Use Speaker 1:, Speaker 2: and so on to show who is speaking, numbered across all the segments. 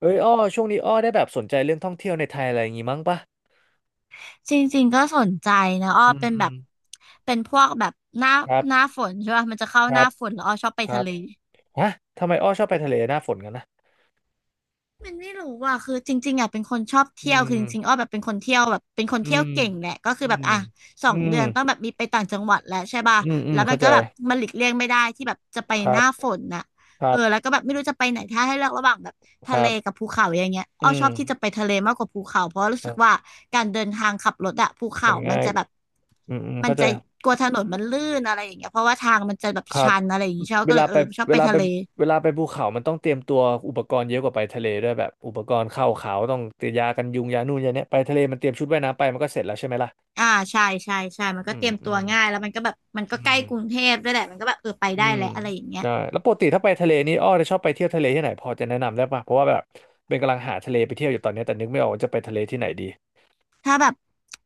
Speaker 1: เอ้ยอ้อช่วงนี้อ้อได้แบบสนใจเรื่องท่องเที่ยวในไทยอะไรอย่างงี้มั้งปะ
Speaker 2: จริงๆก็สนใจนะอ้อ
Speaker 1: อืม
Speaker 2: เป็น
Speaker 1: อื
Speaker 2: แบ
Speaker 1: ม
Speaker 2: บ เป็นพวกแบบหน้า
Speaker 1: ครั
Speaker 2: หน้า
Speaker 1: บ
Speaker 2: ฝนใช่ป่ะมันจะเข้า
Speaker 1: ค
Speaker 2: ห
Speaker 1: รั
Speaker 2: น้า
Speaker 1: บ
Speaker 2: ฝนแล้วอ้อชอบไป
Speaker 1: ครั
Speaker 2: ทะ
Speaker 1: บ
Speaker 2: เล
Speaker 1: ฮะทำไมอ้อชอบไปทะเลหน้าฝนกันนะ
Speaker 2: มันไม่รู้ว่าคือจริงๆอ่ะเป็นคนชอบ
Speaker 1: อื
Speaker 2: เที่ยวคือจริงๆอ้
Speaker 1: ม
Speaker 2: อแบบเป็นคน
Speaker 1: อื
Speaker 2: เที่ย
Speaker 1: ม
Speaker 2: วเก่งแหละก็คือ
Speaker 1: อื
Speaker 2: แบบ
Speaker 1: ม
Speaker 2: อ่ะสอ
Speaker 1: อื
Speaker 2: งเดื
Speaker 1: ม
Speaker 2: อนต้องแบบมีไปต่างจังหวัดแล้วใช่ป่ะ
Speaker 1: อืมอืม
Speaker 2: แล้วมั
Speaker 1: เข้า
Speaker 2: น
Speaker 1: ใจ
Speaker 2: ก็แบบมันหลีกเลี่ยงไม่ได้ที่แบบจะไป
Speaker 1: ค
Speaker 2: ห
Speaker 1: รับ
Speaker 2: น้าฝนน่ะ
Speaker 1: ค
Speaker 2: เอ
Speaker 1: รั
Speaker 2: อ
Speaker 1: บ
Speaker 2: แล้วก็แบบไม่รู้จะไปไหนถ้าให้เลือกระหว่างแบบ
Speaker 1: ค
Speaker 2: ทะ
Speaker 1: รั
Speaker 2: เลกับ
Speaker 1: บ
Speaker 2: ภูเขาอย่างเงี้ยอ้อ
Speaker 1: อื
Speaker 2: ช
Speaker 1: ม
Speaker 2: อบที่จะไปทะเลมากกว่าภูเขาเพราะรู้
Speaker 1: เอ
Speaker 2: สึกว่า
Speaker 1: ่
Speaker 2: การเดินทางขับรถอะภู
Speaker 1: มั
Speaker 2: เขา
Speaker 1: น
Speaker 2: มัน
Speaker 1: ง่าย
Speaker 2: จะแบบ
Speaker 1: อืมอืม
Speaker 2: มัน
Speaker 1: เข้าใจ
Speaker 2: จะกลัวถนนมันลื่นอะไรอย่างเงี้ยเพราะว่าทางมันจะแบบ
Speaker 1: ครับ
Speaker 2: ชันอะไรอย่างเงี้ยชอบ
Speaker 1: เว
Speaker 2: ก็เล
Speaker 1: ลา
Speaker 2: ยเอ
Speaker 1: ไป
Speaker 2: อชอบ
Speaker 1: เว
Speaker 2: ไป
Speaker 1: ลาไป
Speaker 2: ทะเล
Speaker 1: เวลาไปภูเขามันต้องเตรียมตัวอุปกรณ์เยอะกว่าไปทะเลด้วยแบบอุปกรณ์เข้าเขาต้องเตรียมยากันยุงยานู่นยาเนี้ยไปทะเลมันเตรียมชุดว่ายน้ำไปมันก็เสร็จแล้วใช่ไหมล่ะ
Speaker 2: อ่าใช่ใช่ใช่มันก็
Speaker 1: อื
Speaker 2: เต
Speaker 1: ม
Speaker 2: รียม
Speaker 1: อื
Speaker 2: ตัว
Speaker 1: ม
Speaker 2: ง่ายแล้วมันก็แบบมันก็
Speaker 1: อื
Speaker 2: ใกล้
Speaker 1: ม
Speaker 2: กรุงเทพด้วยแหละมันก็แบบเออไป
Speaker 1: อื
Speaker 2: ได้
Speaker 1: ม
Speaker 2: แหละอะไรอย่างเงี้ย
Speaker 1: ใช่แล้วปกติถ้าไปทะเลนี่อ้อจะชอบไปเที่ยวทะเลที่ไหนพอจะแนะนำได้ป่ะเพราะว่าแบบเป็นกำลังหาทะเลไปเที่ยวอยู่ตอนนี้แต่นึกไม่ออกว่าจะไปทะเลที่ไหนดี
Speaker 2: ถ้าแบบ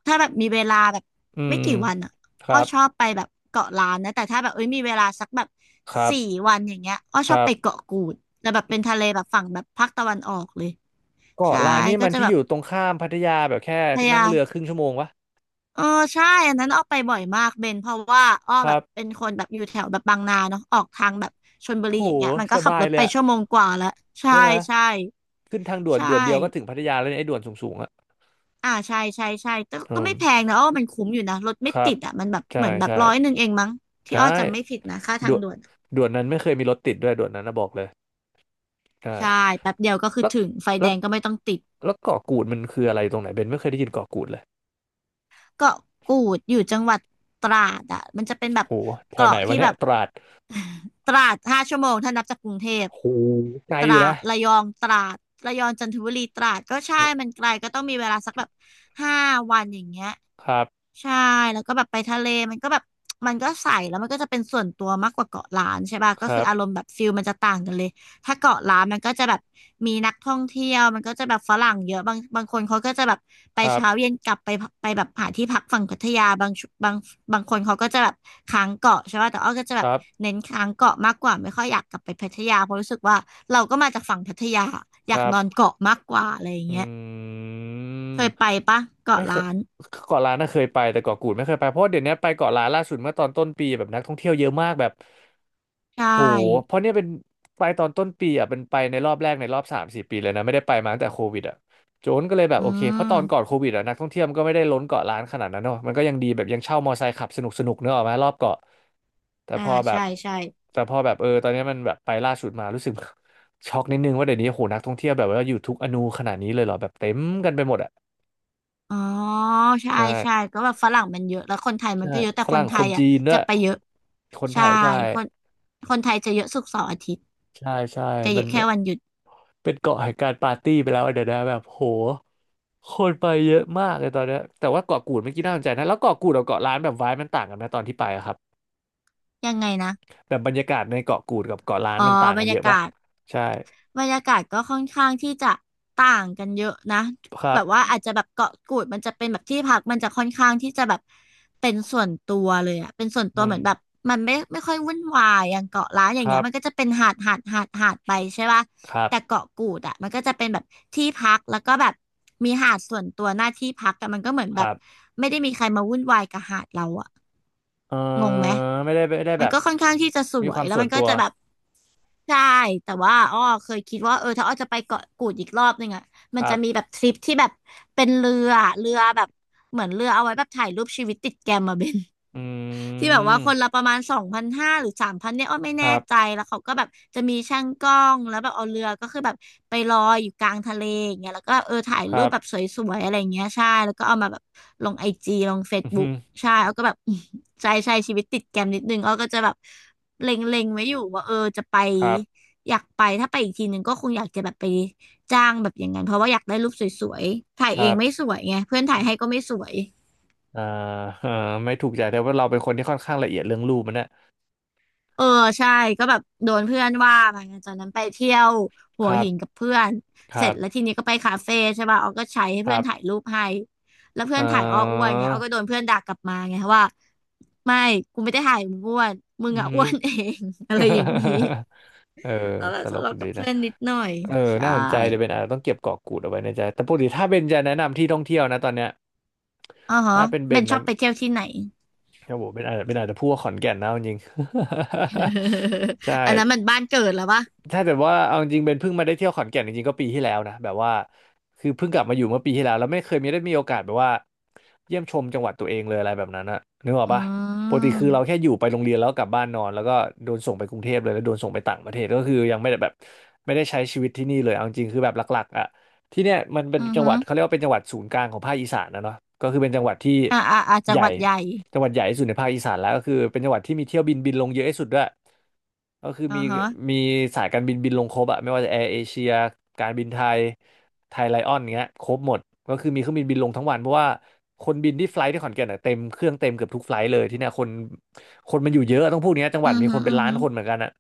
Speaker 2: ถ้าแบบมีเวลาแบบ
Speaker 1: อื
Speaker 2: ไม่
Speaker 1: ม
Speaker 2: กี่วันอ่ะ
Speaker 1: ค
Speaker 2: อ้
Speaker 1: รั
Speaker 2: อชอบ
Speaker 1: บ
Speaker 2: ไปแบบเกาะล้านนะแต่ถ้าแบบเอ้ยมีเวลาสักแบบ
Speaker 1: ครับ
Speaker 2: 4 วันอย่างเงี้ยอ้อ
Speaker 1: ค
Speaker 2: ชอบ
Speaker 1: รับ
Speaker 2: ไปเกาะกูดแล้วแบบเป็นทะเลแบบฝั่งแบบภาคตะวันออกเลย
Speaker 1: เก็
Speaker 2: ใช่
Speaker 1: ร้านนี้
Speaker 2: ก็
Speaker 1: มัน
Speaker 2: จะ
Speaker 1: ที่
Speaker 2: แบ
Speaker 1: อ
Speaker 2: บ
Speaker 1: ยู่ตรงข้ามพัทยาแบบแค่
Speaker 2: พยา
Speaker 1: นั่ง
Speaker 2: ยาม
Speaker 1: เรือครึ่งชั่วโมงวะ
Speaker 2: เออใช่อันนั้นอ้อไปบ่อยมากเบนเพราะว่าอ้อ
Speaker 1: ค
Speaker 2: แบ
Speaker 1: รั
Speaker 2: บ
Speaker 1: บ
Speaker 2: เป็นคนแบบอยู่แถวแบบบางนาเนาะออกทางแบบชลบุ
Speaker 1: โห
Speaker 2: รีอย่างเงี้ยมัน
Speaker 1: ส
Speaker 2: ก็ขับ
Speaker 1: บา
Speaker 2: ร
Speaker 1: ย
Speaker 2: ถ
Speaker 1: เล
Speaker 2: ไป
Speaker 1: ยอะ
Speaker 2: ชั่วโมงกว่าแล้วใช่
Speaker 1: ใช่ไหม
Speaker 2: ใช่
Speaker 1: ขึ้นทางด่วน
Speaker 2: ใช่
Speaker 1: เดียวก็ถึงพัทยาแล้วเนี่ยไอ้ด่วนสูงๆอะ
Speaker 2: อ่าใช่ใช่ใช่แต่
Speaker 1: อื
Speaker 2: ก็ไม่แพง
Speaker 1: ม
Speaker 2: นะอ้อมันคุ้มอยู่นะรถ
Speaker 1: ค
Speaker 2: ไม่
Speaker 1: รั
Speaker 2: ติ
Speaker 1: บ
Speaker 2: ดอ่ะมันแบบ
Speaker 1: ใช่
Speaker 2: เหมือนแบบ
Speaker 1: ใช่
Speaker 2: 101เองมั้งที่อ้อ
Speaker 1: ใช่
Speaker 2: จำไม่ผิดนะ ค่าทา
Speaker 1: ด่
Speaker 2: ง
Speaker 1: วน
Speaker 2: ด่วนอะ
Speaker 1: ด่วนนั้นไม่เคยมีรถติดด้วยด่วนนั้นนะบอกเลยใช่
Speaker 2: ใช่แป๊บเดียวก็คือ
Speaker 1: แล้ว
Speaker 2: ถึงไฟแด
Speaker 1: แล้ว
Speaker 2: งก็ไม่ต้องติด
Speaker 1: แล้วเกาะกูดมันคืออะไรตรงไหนเบนไม่เคยได้ยินเกาะกูดเลย
Speaker 2: เกาะกูดอยู่จังหวัดตราดอ่ะมันจะเป็นแบบ
Speaker 1: โหแถวไหน
Speaker 2: เกาะที่
Speaker 1: วะเนี่
Speaker 2: แบ
Speaker 1: ย
Speaker 2: บ
Speaker 1: ตราด
Speaker 2: ตราด5 ชั่วโมงถ้านับจากกรุงเทพ
Speaker 1: โหไกล
Speaker 2: ต
Speaker 1: อ
Speaker 2: รา
Speaker 1: ยู่นะ
Speaker 2: ดระยองตราดระยองจันทบุรีตราดก็ใช่มันไกลก็ต้องมีเวลาสักแบบ5 วันอย่างเงี้ย
Speaker 1: ครับ
Speaker 2: ใช่แล้วก็แบบไปทะเลมันก็แบบมันก็ใสแล้วมันก็จะเป็นส่วนตัวมากกว่าเกาะล้านใช่ป่ะ
Speaker 1: ค
Speaker 2: ก็คื
Speaker 1: รั
Speaker 2: อ
Speaker 1: บ
Speaker 2: อารมณ์แบบฟิลมันจะต่างกันเลยถ้าเกาะล้านมันก็จะแบบมีนักท่องเที่ยวมันก็จะแบบฝรั่งเยอะบางคนเขาก็จะแบบไป
Speaker 1: ครับ
Speaker 2: เช้าเย็นกลับไปไปแบบหาที่พักฝั่งพัทยาบางบางคนเขาก็จะแบบค้างเกาะใช่ป่ะแต่อ้อก็จะ
Speaker 1: ค
Speaker 2: แบบ
Speaker 1: รับ
Speaker 2: เน้นค้างเกาะมากกว่าไม่ค่อยอยากกลับไปพัทยาเพราะรู้สึกว่าเราก็มาจากฝั่งพัทยาอ
Speaker 1: ค
Speaker 2: ยาก
Speaker 1: รับ
Speaker 2: นอนเกาะมากกว่าอะไรอย่าง
Speaker 1: อื
Speaker 2: เงี้ยเค
Speaker 1: ม
Speaker 2: ยไปปะเกาะ
Speaker 1: ไม่เคย
Speaker 2: ล้าน
Speaker 1: เกาะล้านน่ะเคยไปแต่เกาะกูดไม่เคยไปเพราะว่าเดี๋ยวนี้ไปเกาะล้านล่าสุดเมื่อตอนต้นปีแบบนักท่องเที่ยวเยอะมากแบบ
Speaker 2: ใช่
Speaker 1: โหเพราะเนี่ยเป็นไปตอนต้นปีอ่ะเป็นไปในรอบแรกในรอบสามสี่ปีเลยนะไม่ได้ไปมาตั้งแต่โควิดอ่ะโจนก็เลยแบบ
Speaker 2: อื
Speaker 1: โอเคเพราะตอนก่อน
Speaker 2: ม
Speaker 1: โควิดอ่ะนักท่องเที่ยวมันก็ไม่ได้ล้นเกาะล้านขนาดนั้นเนอะมันก็ยังดีแบบยังเช่ามอไซค์ขับสนุกสนุกเนอะออกมารอบเกาะแต่
Speaker 2: อ่า
Speaker 1: พอแบบ
Speaker 2: ใช่ใช่
Speaker 1: แต่พอแบบเออตอนนี้มันแบบไปล่าสุดมารู้สึก ช็อกนิดนึงว่าเดี๋ยวนี้โหนักท่องเที่ยวแบบว่าอยู่ทุกอนูขนาดนี้เลยเหรอแบบเต็มกันไปหมดอ่ะ
Speaker 2: อ๋อใช่
Speaker 1: ใช่
Speaker 2: ใช่ก็แบบฝรั่งมันเยอะแล้วคนไทยมัน
Speaker 1: ใช่
Speaker 2: ก็เยอะแต่
Speaker 1: ฝ
Speaker 2: คน
Speaker 1: รั่ง
Speaker 2: ไท
Speaker 1: คน
Speaker 2: ยอ่ะ
Speaker 1: จีนด้ว
Speaker 2: จะ
Speaker 1: ย
Speaker 2: ไปเยอะ
Speaker 1: คนไท
Speaker 2: ใช่
Speaker 1: ยใช่
Speaker 2: คนคนไทยจะเยอะศุกร์เสาร์อาทิตย์
Speaker 1: ใช่ใช่
Speaker 2: จะ
Speaker 1: มั
Speaker 2: เย
Speaker 1: น
Speaker 2: อะแค่วันหยุด
Speaker 1: เป็นเกาะแห่งการปาร์ตี้ไปแล้วอะเดี๋ยวนะแบบโหคนไปเยอะมากเลยตอนเนี้ยแต่ว่าเกาะกูดเมื่อกี้น่าสนใจนะแล้วเกาะกูดกับเกาะล้านแบบไวบ์มันต่างกันไหมตอนที่ไปอะครับ
Speaker 2: ยังไงนะ
Speaker 1: แบบบรรยากาศในเกาะกูดกับเกาะล้าน
Speaker 2: อ๋อ
Speaker 1: มันต่าง
Speaker 2: บร
Speaker 1: กัน
Speaker 2: ร
Speaker 1: เย
Speaker 2: ยา
Speaker 1: อะปะ
Speaker 2: กาศ
Speaker 1: ใช่
Speaker 2: บรรยากาศก็ค่อนข้างที่จะต่างกันเยอะนะ
Speaker 1: ครั
Speaker 2: แบ
Speaker 1: บ
Speaker 2: บว่าอาจจะแบบเกาะกูดมันจะเป็นแบบที่พักมันจะค่อนข้างที่จะแบบเป็นส่วนตัวเลยอะเป็นส่วนตัว
Speaker 1: อื
Speaker 2: เห
Speaker 1: ม
Speaker 2: มือนแบบมันไม่ค่อยวุ่นวายอย่างเกาะล้านอย่า
Speaker 1: ค
Speaker 2: งเงี้
Speaker 1: รั
Speaker 2: ย
Speaker 1: บ
Speaker 2: มันก็จะเป็นหาดหาดหาดหาดไปใช่ป่ะ
Speaker 1: ครับ
Speaker 2: แต่เกาะกูดอะมันก็จะเป็นแบบที่พักแล้วก็แบบมีหาดส่วนตัวหน้าที่พักแต่มันก็เหมือน
Speaker 1: ค
Speaker 2: แบบ
Speaker 1: รับ
Speaker 2: ไม่ได้มีใครมาวุ่นวายกับหาดเราอะ
Speaker 1: เอ
Speaker 2: งงไหม
Speaker 1: อไม่ได้
Speaker 2: มั
Speaker 1: แบ
Speaker 2: น
Speaker 1: บ
Speaker 2: ก็ค่อนข้างที่จะส
Speaker 1: มี
Speaker 2: ว
Speaker 1: ค
Speaker 2: ย
Speaker 1: วาม
Speaker 2: แล้ว
Speaker 1: ส่ว
Speaker 2: มั
Speaker 1: น
Speaker 2: นก็
Speaker 1: ตัว
Speaker 2: จะแบบใช่แต่ว่าอ้อเคยคิดว่าเออถ้าอ้อจะไปเกาะกูดอีกรอบนึงอ่ะ
Speaker 1: ค
Speaker 2: มัน
Speaker 1: รั
Speaker 2: จะมีแบ
Speaker 1: บ
Speaker 2: บทริปที่แบบเป็นเรือเรือแบบเหมือนเรือเอาไว้แบบถ่ายรูปชีวิตติดแกมมาเบน
Speaker 1: อื
Speaker 2: ที่แบบว่าคนละ
Speaker 1: ม
Speaker 2: ประมาณ2,500หรือ3,000เนี่ยอ้อไม่
Speaker 1: ค
Speaker 2: แน่
Speaker 1: รับ
Speaker 2: ใจแล้วเขาก็แบบจะมีช่างกล้องแล้วแบบเอาเรือก็คือแบบไปลอยอยู่กลางทะเลอย่างเงี้ยแล้วก็เออถ่าย
Speaker 1: ค
Speaker 2: รู
Speaker 1: รั
Speaker 2: ป
Speaker 1: บ
Speaker 2: แบบสวยๆอะไรอย่างเงี้ยใช่แล้วก็เอามาแบบลงIGลงเฟซ
Speaker 1: อือฮึ
Speaker 2: บุ๊กใช่แล้วก็แบบ ใช่ใช่ชีวิตติดแกรมนิดนึงอ้อก็จะแบบเล็งๆไว้อยู่ว่าเออจะไป
Speaker 1: ครับ
Speaker 2: อยากไปถ้าไปอีกทีหนึ่งก็คงอยากจะแบบไปจ้างแบบอย่างนั้นเพราะว่าอยากได้รูปสวยๆถ่าย
Speaker 1: ค
Speaker 2: เอ
Speaker 1: รั
Speaker 2: ง
Speaker 1: บ
Speaker 2: ไม่สวยไงเพื่อนถ่ายให้ก็ไม่สวย
Speaker 1: อ่า เออไม่ถูกใจแต่ว่าเราเป็นคนที่ค่อนข้างละเอียดเรื่องรูปมันนะ
Speaker 2: เออใช่ก็แบบโดนเพื่อนว่ามาไปจากนั้นไปเที่ยวหั
Speaker 1: ค
Speaker 2: ว
Speaker 1: รับ
Speaker 2: หินกับเพื่อน
Speaker 1: ค
Speaker 2: เส
Speaker 1: รั
Speaker 2: ร็จ
Speaker 1: บ
Speaker 2: แล้วทีนี้ก็ไปคาเฟ่ใช่ป่ะออก็ใช้ให้
Speaker 1: ค
Speaker 2: เพื่
Speaker 1: รั
Speaker 2: อนถ่าย
Speaker 1: บ
Speaker 2: รูปให้แล้วเพื่
Speaker 1: อ่
Speaker 2: อนถ่ายอ้ออ้วน
Speaker 1: า
Speaker 2: เงี้ยออก็โดนเพื่อนด่ากลับมาไงว่าไม่กูไม่ได้ถ่ายมึงอ้วนมึง
Speaker 1: อือ
Speaker 2: อะ
Speaker 1: ฮึ
Speaker 2: อ้วนเอง อะไรอย่างนี้
Speaker 1: เออ
Speaker 2: แล้วเรา
Speaker 1: ตล
Speaker 2: ทะ
Speaker 1: ก
Speaker 2: เลาะกั
Speaker 1: ดี
Speaker 2: บ
Speaker 1: นะ
Speaker 2: เพื่อนนิดหน่อย
Speaker 1: เออ
Speaker 2: ใช่
Speaker 1: น่าสนใจเดี๋ยวเบนอาจจะต้องเก็บกาะกูดเอาไว้ในใจแต่ปกติถ้าเบนจะแนะนำที่ท่องเที่ยวนะตอนเนี้ย
Speaker 2: อ๋อฮะ
Speaker 1: ถ้าเป็นเบ
Speaker 2: เบน
Speaker 1: น
Speaker 2: ชอ
Speaker 1: นะ
Speaker 2: บไปเที่ยวที่ไหน
Speaker 1: โอ้โหเบนอาจจะพูดว่าขอนแก่นนะเอาจริง ใช
Speaker 2: อันนั้นมั
Speaker 1: ่
Speaker 2: นบ้านเกิดแล้วปะ
Speaker 1: ถ้าแต่ว่าเอาจริงๆเป็นเพิ่งมาได้เที่ยวขอนแก่นจริงๆก็ปีที่แล้วนะแบบว่าคือเพิ่งกลับมาอยู่เมื่อปีที่แล้วแล้วไม่เคยมีได้มีโอกาสแบบว่าเยี่ยมชมจังหวัดตัวเองเลยอะไรแบบนั้นอะนึกออก
Speaker 2: อื
Speaker 1: ปะปกติ
Speaker 2: ม
Speaker 1: คือเราแค่อยู่ไปโรงเรียนแล้วกลับบ้านนอนแล้วก็โดนส่งไปกรุงเทพเลยแล้วโดนส่งไปต่างประเทศก็คือยังไม่ได้แบบไม่ได้ใช้ชีวิตที่นี่เลยเอาจริงๆคือแบบหลักๆอะที่เนี่ยมันเป็น
Speaker 2: อือ
Speaker 1: จังห
Speaker 2: ฮึ
Speaker 1: วัดเขาเรียกว่าเป็นจังหวัดศูนย์กลางของภาคอีสานนะเนาะก็คือเป็นจังหวัดที่
Speaker 2: จั
Speaker 1: ให
Speaker 2: ง
Speaker 1: ญ่
Speaker 2: หวัดใหญ่
Speaker 1: จังหวัดใหญ่ที่สุดในภาคอีสานแล้วก็คือเป็นจังหวัดที่มีเที่ยวบินบินลงเยอะที่สุดด้วยก็คือ
Speaker 2: อ๋อฮะ
Speaker 1: มีสายการบินบินลงครบอะไม่ว่าจะแอร์เอเชียการบินไทยไทยไลออนเงี้ยครบหมดก็คือมีเครื่องบินบินลงทั้งวันเพราะว่าคนบินที่ไฟล์ทที่ขอนแก่นอะเต็มเครื่องเต็มเกือบทุกไฟลท์เลยที่เนี่ยคนมันอยู่เยอะต้องพูดอย่างเงี้ยจังห
Speaker 2: อื
Speaker 1: วัด
Speaker 2: อ
Speaker 1: มี
Speaker 2: ฮึ
Speaker 1: คนเป็
Speaker 2: อื
Speaker 1: น
Speaker 2: อ
Speaker 1: ล้าน
Speaker 2: ฮึ
Speaker 1: คนเหมือนกันอะ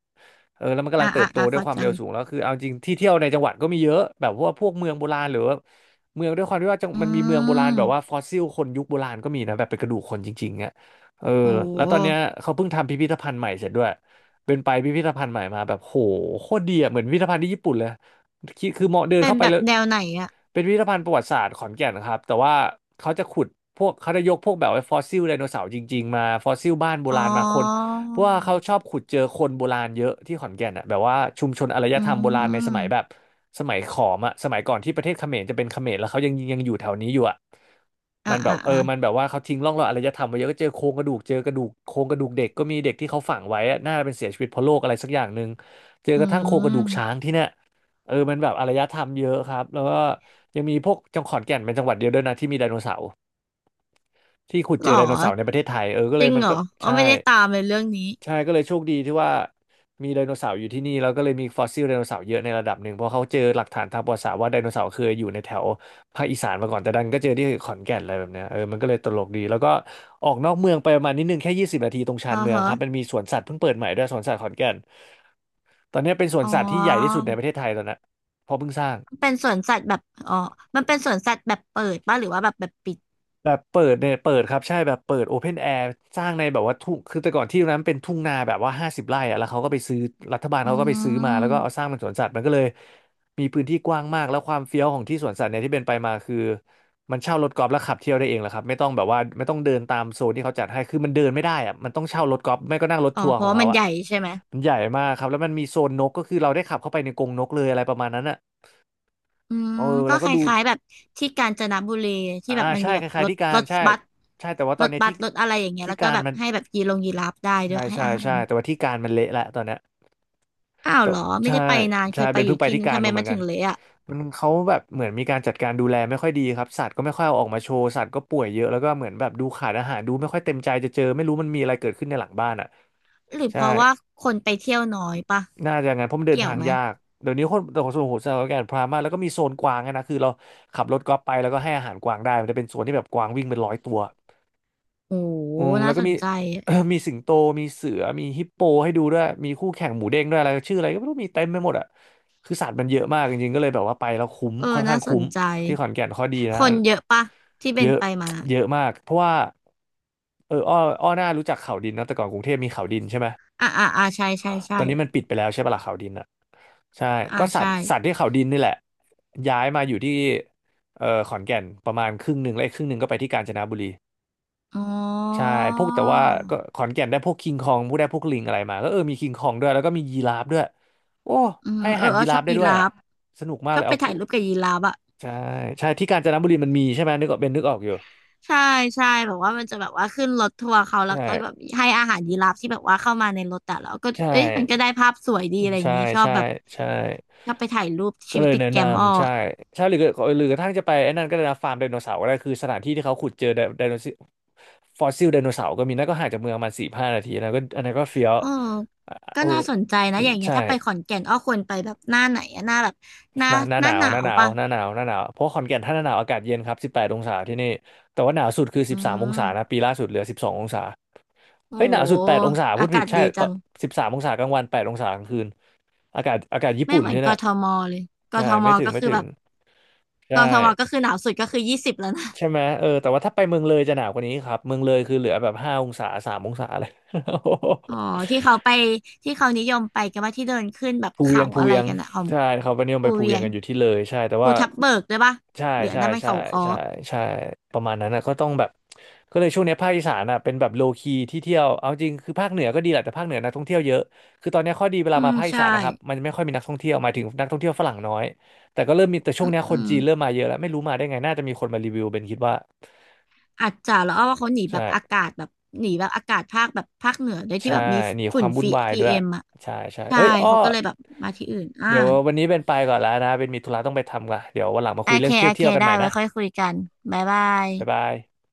Speaker 1: เออแล้วมันกำลังเติบโตด้วย
Speaker 2: เข้า
Speaker 1: ความ
Speaker 2: ใจ
Speaker 1: เร็วสูงแล้วคือเอาจริงที่เที่ยวในจังหวัดก็มีเยอะแบบว่าพวกเมืองโบราณหรือว่า เมืองด้วยความที่ว่าจัง
Speaker 2: อื
Speaker 1: มันมีเมืองโบราณแบบว่าฟ
Speaker 2: ม
Speaker 1: อสซิลคนยุคโบราณก็มีนะแบบเป็นกระดูกคนจริงๆอ่ะเออ
Speaker 2: โอ้
Speaker 1: แล้วตอนเนี้ยเขาเพิ่งทำพิพิธภัณฑ์ใหม่เสร็จด้วยเป็นไปพิพิธภัณฑ์ใหม่มาแบบโหโคตรดีอ่ะเหมือนพิพิธภัณฑ์ที่ญี่ปุ่นเลยคิดคือเหมาะเดิน
Speaker 2: เป็น
Speaker 1: เข้าไป
Speaker 2: แบบ
Speaker 1: แล้ว
Speaker 2: แนวไหนอ่ะ
Speaker 1: เป็นพิพิธภัณฑ์ประวัติศาสตร์ขอนแก่นนะครับแต่ว่าเขาจะขุดพวกเขาจะยกพวกแบบว่าฟอสซิลไดโนเสาร์จริงๆมาฟอสซิลบ้านโบ
Speaker 2: อ๋อ
Speaker 1: ราณมาคนเพราะว่าเขาชอบขุดเจอคนโบราณเยอะที่ขอนแก่นอ่ะแบบว่าชุมชนอารย
Speaker 2: อื
Speaker 1: ธรรมโบราณในสมัย
Speaker 2: ม
Speaker 1: แบบสมัยขอมอ่ะสมัยก่อนที่ประเทศเขมรจะเป็นเขมรแล้วเขายังอยู่แถวนี้อยู่อ่ะมั
Speaker 2: อ่า
Speaker 1: นแบ
Speaker 2: อ่า
Speaker 1: บเออ
Speaker 2: อ่า
Speaker 1: มันแบบว่าเขาทิ้งร่องรอยอารยธรรมไว้เยอะก็เจอโครงกระดูกเจอกระดูกโครงกระดูกเด็กก็มีเด็กที่เขาฝังไว้อะน่าจะเป็นเสียชีวิตเพราะโรคอะไรสักอย่างหนึ่งเจอ
Speaker 2: อื
Speaker 1: กระทั่งโครงกระดูกช้าง
Speaker 2: ม
Speaker 1: ที่เนี่ยเออมันแบบอารยธรรมเยอะครับแล้วก็ ยังมีพวกจังหวัดขอนแก่นเป็นจังหวัดเดียวด้วยนะที่มีไดโนเสาร์ที่ขุด
Speaker 2: ห
Speaker 1: เจ
Speaker 2: รอ
Speaker 1: อไดโนเสาร์ในประเทศไทยเออก็
Speaker 2: จ
Speaker 1: เล
Speaker 2: ริ
Speaker 1: ย
Speaker 2: ง
Speaker 1: มัน
Speaker 2: เหร
Speaker 1: ก็
Speaker 2: ออ๋อ
Speaker 1: ใช่
Speaker 2: ไม่ได้ตามเลยเรื่องนี้
Speaker 1: ใช่ก็เลยโชคดีที่ว่ามีไดโนเสาร์อยู่ที่นี่แล้วก็เลยมีฟอสซิลไดโนเสาร์เยอะในระดับหนึ่งเพราะเขาเจอหลักฐานทางประวัติศาสตร์ว่าไดโนเสาร์เคยอยู่ในแถวภาคอีสานมาก่อนแต่ดันก็เจอที่ขอนแก่นอะไรแบบเนี้ยเออมันก็เลยตลกดีแล้วก็ออกนอกเมืองไปประมาณนิดนึงแค่20 นาทีตรงชา
Speaker 2: อ๋อ
Speaker 1: นเมือง
Speaker 2: ฮะ
Speaker 1: ครับมันมีสวนสัตว์เพิ่งเปิดใหม่ด้วยสวนสัตว์ขอนแก่นตอนเนี้ยเป็นสวน
Speaker 2: อ๋อ
Speaker 1: สัตว์ที่ใหญ่ที่สุดในประเทศไทยตอนนี้เพราะเพิ่งสร้าง
Speaker 2: มันเป็นสวนสัตว์แบบอ๋อมันเป็นสวนสัตว์แบบเปิดป่ะหรือว่าแบบปิด
Speaker 1: แบบเปิดเนี่ยเปิดครับใช่แบบเปิดโอเพนแอร์สร้างในแบบว่าทุ่งคือแต่ก่อนที่ตรงนั้นเป็นทุ่งนาแบบว่า50 ไร่อะแล้วเขาก็ไปซื้อรัฐบาล
Speaker 2: อื
Speaker 1: เขาก็ไปซื้อมาแล้วก็เอาส
Speaker 2: ม
Speaker 1: ร้างเป็นสวนสัตว์มันก็เลยมีพื้นที่กว้างมากแล้วความเฟี้ยวของที่สวนสัตว์เนี่ยที่เป็นไปมาคือมันเช่ารถกอล์ฟแล้วขับเที่ยวได้เองแหละครับไม่ต้องแบบว่าไม่ต้องเดินตามโซนที่เขาจัดให้คือมันเดินไม่ได้อะมันต้องเช่ารถกอล์ฟไม่ก็นั่งรถ
Speaker 2: อ๋อ
Speaker 1: ทัวร์
Speaker 2: เพ
Speaker 1: ขอ
Speaker 2: ราะ
Speaker 1: ง
Speaker 2: ว่า
Speaker 1: เขา
Speaker 2: มัน
Speaker 1: อะ
Speaker 2: ใหญ่ใช่ไหม
Speaker 1: มันใหญ่มากครับแล้วมันมีโซนนกก็คือเราได้ขับเข้าไปในกรงนกเลยอะไรประมาณนั้นอะ
Speaker 2: อืม
Speaker 1: เออ
Speaker 2: ก็
Speaker 1: แล้วก็
Speaker 2: ค
Speaker 1: ดู
Speaker 2: ล้ายๆแบบที่กาญจนบุรีที่
Speaker 1: อ่า
Speaker 2: แบบมัน
Speaker 1: ใช่
Speaker 2: มีแบ
Speaker 1: ค
Speaker 2: บ
Speaker 1: ล้า
Speaker 2: ร
Speaker 1: ยๆ
Speaker 2: ถ
Speaker 1: ที่กา
Speaker 2: ร
Speaker 1: ร
Speaker 2: ถ
Speaker 1: ใช่
Speaker 2: บัส
Speaker 1: ใช่แต่ว่าต
Speaker 2: ร
Speaker 1: อน
Speaker 2: ถ
Speaker 1: เนี้ย
Speaker 2: บัส
Speaker 1: ที่
Speaker 2: รถอะไรอย่างเงี้ย
Speaker 1: ที่
Speaker 2: แล้วก็
Speaker 1: การ
Speaker 2: แบบ
Speaker 1: มัน
Speaker 2: ให้แบบยีลงยีราฟได้ด้ว
Speaker 1: ใช่
Speaker 2: ยให้
Speaker 1: ใช่
Speaker 2: อาหาร
Speaker 1: ใช่แต่ว่าที่การมันเละละตอนเนี้ย
Speaker 2: อ้าว
Speaker 1: แต่
Speaker 2: เหรอไม่
Speaker 1: ใช่
Speaker 2: ได้ไปนานเค
Speaker 1: ใช่
Speaker 2: ยไป
Speaker 1: เป็น
Speaker 2: อ
Speaker 1: เพิ่
Speaker 2: ยู่
Speaker 1: งไป
Speaker 2: ที่
Speaker 1: ที่
Speaker 2: นึง
Speaker 1: การ
Speaker 2: ทำไม
Speaker 1: มาเหมื
Speaker 2: มา
Speaker 1: อนกั
Speaker 2: ถึ
Speaker 1: น
Speaker 2: งเละอ่ะ
Speaker 1: มันเขาแบบเหมือนมีการจัดการดูแลไม่ค่อยดีครับสัตว์ก็ไม่ค่อยเอาออกมาโชว์สัตว์ก็ป่วยเยอะแล้วก็เหมือนแบบดูขาดอาหารดูไม่ค่อยเต็มใจจะเจอไม่รู้มันมีอะไรเกิดขึ้นในหลังบ้านอ่ะ
Speaker 2: หรือเพ
Speaker 1: ใช่
Speaker 2: ราะว่าคนไปเที่ยวน้อยปะ
Speaker 1: น่าจะงั้นเพราะมันเดิน
Speaker 2: เกี่ย
Speaker 1: ทา
Speaker 2: ว
Speaker 1: ง
Speaker 2: ไหม
Speaker 1: ยากเดี๋ยวนี้คนแต่ของส่วนของผมสถาการณพรามากแล้วก็มีโซนกวางอะนะคือเราขับรถกอล์ฟไปแล้วก็ให้อาหารกวางได้มันจะเป็นโซนที่แบบกวางวิ่งเป็นร้อยตัว
Speaker 2: โอ้
Speaker 1: อืมแล้
Speaker 2: น่า
Speaker 1: วก็
Speaker 2: สน
Speaker 1: มี
Speaker 2: ใจ
Speaker 1: มีสิงโตมีเสือมีฮิปโปให้ดูด้วยมีคู่แข่งหมูเด้งด้วยอะไรชื่ออะไรก็ไม่รู้มีเต็มไปหมดอ่ะคือสัตว์มันเยอะมากจริงๆก็เลยแบบว่าไปแล้วคุ้ม
Speaker 2: เอ
Speaker 1: ค่
Speaker 2: อ
Speaker 1: อนข้า
Speaker 2: น่า
Speaker 1: ง
Speaker 2: ส
Speaker 1: คุ้
Speaker 2: น
Speaker 1: ม
Speaker 2: ใจ
Speaker 1: ที่ขอนแก่นข้อดีนะ
Speaker 2: คนเยอะปะที่เป็
Speaker 1: เย
Speaker 2: น
Speaker 1: อะ
Speaker 2: ไปมา
Speaker 1: เยอะมากเพราะว่าเอออ้อหน้ารู้จักเขาดินนะแต่ก่อนกรุงเทพมีเขาดินใช่ไหม
Speaker 2: ใช่ใช่
Speaker 1: ต
Speaker 2: ใช่
Speaker 1: อนนี้มันปิดไปแล้วใช่ปะล่ะเขาดินอ่ะใช่
Speaker 2: อ่า
Speaker 1: ก็สัต
Speaker 2: ใช่
Speaker 1: ว์สัตว์ที่เขาดินนี่แหละย้ายมาอยู่ที่ขอนแก่นประมาณครึ่งหนึ่งและอีกครึ่งหนึ่งก็ไปที่กาญจนบุรี
Speaker 2: อ๋อ
Speaker 1: ใช่พวกแต่ว่าก็ขอนแก่นได้พวกคิงคองพวกได้พวกลิงอะไรมาก็มีคิงคองด้วยแล้วก็มียีราฟด้วยโอ้
Speaker 2: อืม
Speaker 1: ให้อา
Speaker 2: เออ
Speaker 1: หาร
Speaker 2: เออ
Speaker 1: ยี
Speaker 2: ช
Speaker 1: รา
Speaker 2: อ
Speaker 1: ฟ
Speaker 2: บ
Speaker 1: ได้
Speaker 2: ยี
Speaker 1: ด้วย
Speaker 2: รา
Speaker 1: อ่ะ
Speaker 2: ฟ
Speaker 1: สนุกมาก
Speaker 2: ช
Speaker 1: เล
Speaker 2: อบ
Speaker 1: ย
Speaker 2: ไป
Speaker 1: เอากู
Speaker 2: ถ่ายรูปกับยีราฟอะ
Speaker 1: ใช่ใช่ที่กาญจนบุรีมันมีใช่ไหมนึกออกเป็นนึกออกอยู่
Speaker 2: ใช่ใช่แบบว่ามันจะแบบว่าขึ้นรถทัวร์เขาแล้ว
Speaker 1: ใช่
Speaker 2: ก็แบบให้อาหารยีราฟที่แบบว่าเข้ามาในรถแต่แล้วก็
Speaker 1: ใช่
Speaker 2: เอ้ยมันก็ได้ภาพสวยดีอะไรอย่า
Speaker 1: ใช่
Speaker 2: งงี้ชอบ
Speaker 1: ใช่
Speaker 2: แบบ
Speaker 1: ใช่
Speaker 2: ชอบไปถ่ายรูป
Speaker 1: ก็
Speaker 2: ชีวิ
Speaker 1: เล
Speaker 2: ต
Speaker 1: ย
Speaker 2: ติด
Speaker 1: แนะ
Speaker 2: แก
Speaker 1: น
Speaker 2: มอ้อ
Speaker 1: ำใช่ใช่หรือก็หรือกระทั่งจะไปไอ้นั่นก็ได้นะฟาร์มไดโนเสาร์ก็ได้คือสถานที่ที่เขาขุดเจอไดไดโนเสาร์ฟอสซิลไดโนเสาร์ก็มีนั่นก็ห่างจากเมืองประมาณสี่ห้านาทีนะก็อันนั้นก็เฟี้ยว
Speaker 2: เออ
Speaker 1: อ่ะ
Speaker 2: ก็
Speaker 1: โอ้
Speaker 2: น่าสนใจนะอย่างเงี้ย
Speaker 1: ใช่
Speaker 2: ถ้าไปขอนแก่นอ้อควรไปแบบหน้าไหนอะหน้าแบบหน้า
Speaker 1: หน้าหน้า
Speaker 2: ห
Speaker 1: ห
Speaker 2: น้า
Speaker 1: นา
Speaker 2: ห
Speaker 1: ว
Speaker 2: นา
Speaker 1: หน้า
Speaker 2: ว
Speaker 1: หนาว
Speaker 2: ปะ
Speaker 1: หน้าหนาวหน้าหนาวเพราะขอนแก่นถ้าหน้าหนาวอากาศเย็นครับ18 องศาที่นี่แต่ว่าหนาวสุดคือ
Speaker 2: อื
Speaker 1: สิบสามองศานะ
Speaker 2: ม
Speaker 1: ปีล่าสุดเหลือ12 องศา
Speaker 2: โอ้
Speaker 1: เฮ้ยหนา
Speaker 2: โห
Speaker 1: วสุดแปดองศาพู
Speaker 2: อา
Speaker 1: ดผิ
Speaker 2: กา
Speaker 1: ด
Speaker 2: ศ
Speaker 1: ใช่
Speaker 2: ดี
Speaker 1: ต
Speaker 2: จั
Speaker 1: อน
Speaker 2: ง
Speaker 1: สิบสามองศากลางวันแปดองศากลางคืนอากาศญี่
Speaker 2: ไม่
Speaker 1: ปุ่น
Speaker 2: เหมือน
Speaker 1: ที่
Speaker 2: ก
Speaker 1: เนี่ย
Speaker 2: ทมเลยก
Speaker 1: ใช่
Speaker 2: ทม
Speaker 1: ไม่ถึง
Speaker 2: ก็
Speaker 1: ไม่
Speaker 2: คือ
Speaker 1: ถึ
Speaker 2: แบ
Speaker 1: ง
Speaker 2: บก
Speaker 1: ใช่
Speaker 2: ทมก็คือหนาวสุดก็คือ20แล้วนะ
Speaker 1: ใช่ไหมแต่ว่าถ้าไปเมืองเลยจะหนาวกว่านี้ครับเมืองเลยคือเหลือแบบ5 องศาสามองศาเลย
Speaker 2: อ๋อ ที่เขาไปที่เขานิยมไปกันว่าที่เดินขึ้นแบบ
Speaker 1: ภูเวี
Speaker 2: เขา
Speaker 1: ยงภู
Speaker 2: อะไร
Speaker 1: เวียง
Speaker 2: กันอะของ
Speaker 1: ใช่เขาไปนิยมไป
Speaker 2: ภู
Speaker 1: ภู
Speaker 2: เวี
Speaker 1: เวีย
Speaker 2: ย
Speaker 1: ง
Speaker 2: ง
Speaker 1: กันอยู่ที่เลยใช่แต่
Speaker 2: ภู
Speaker 1: ว่า
Speaker 2: ทับเบิกด้วยปะ
Speaker 1: ใช่
Speaker 2: เหลือ
Speaker 1: ใช่
Speaker 2: นั้นมัน
Speaker 1: ใช่
Speaker 2: เขาค้อ
Speaker 1: ใช่ใช่ประมาณนั้นนะก็ต้องแบบก็เลยช่วงเนี้ยภาคอีสานอ่ะเป็นแบบโลคีที่เที่ยวเอาจริงคือภาคเหนือก็ดีแหละแต่ภาคเหนือนักท่องเที่ยวเยอะคือตอนเนี้ยข้อดีเวลา
Speaker 2: อื
Speaker 1: มา
Speaker 2: ม
Speaker 1: ภาคอี
Speaker 2: ใช่
Speaker 1: สานนะครับมันไม่ค่อยมีนักท่องเที่ยวหมายถึงนักท่องเที่ยวฝรั่งน้อยแต่ก็เริ่มมีแต่ช่ว
Speaker 2: อื
Speaker 1: ง
Speaker 2: ม
Speaker 1: เนี้ยค
Speaker 2: อื
Speaker 1: น
Speaker 2: ม
Speaker 1: จีนเริ่มมาเยอะแล้วไม่รู้มาได้ไงน่าจะมีคนมารีวิวเป็นคิดว่า
Speaker 2: อาจจะแล้วอ้อว่าเขาหนีแบ
Speaker 1: ใช่
Speaker 2: บอากาศแบบหนีแบบอากาศภาคเหนือด้วยที่
Speaker 1: ใช่
Speaker 2: แบบมี
Speaker 1: หนีค
Speaker 2: ฝุ่
Speaker 1: วา
Speaker 2: น
Speaker 1: มวุ่น
Speaker 2: ฟี
Speaker 1: วาย
Speaker 2: พี
Speaker 1: ด้วย
Speaker 2: เอ็มอ่ะ
Speaker 1: ใช่ ใช่
Speaker 2: ใช่
Speaker 1: เอ้ยอ้อ
Speaker 2: เขาก็เลยแบบมาที่อื่นอ่า
Speaker 1: เดี๋ยววันนี้เป็นไปก่อนแล้วนะ เป็นมีธุระต้องไปทำก่อนเดี๋ยววันหลังมา
Speaker 2: โอ
Speaker 1: คุยเรื่
Speaker 2: เค
Speaker 1: องเที่ย
Speaker 2: โอ
Speaker 1: ว
Speaker 2: เค
Speaker 1: เที่ยวกันให
Speaker 2: ได้
Speaker 1: ม่
Speaker 2: ไว้
Speaker 1: นะ
Speaker 2: ค่อยคุยกันบ๊ายบา
Speaker 1: บ๊าย
Speaker 2: ย
Speaker 1: บาย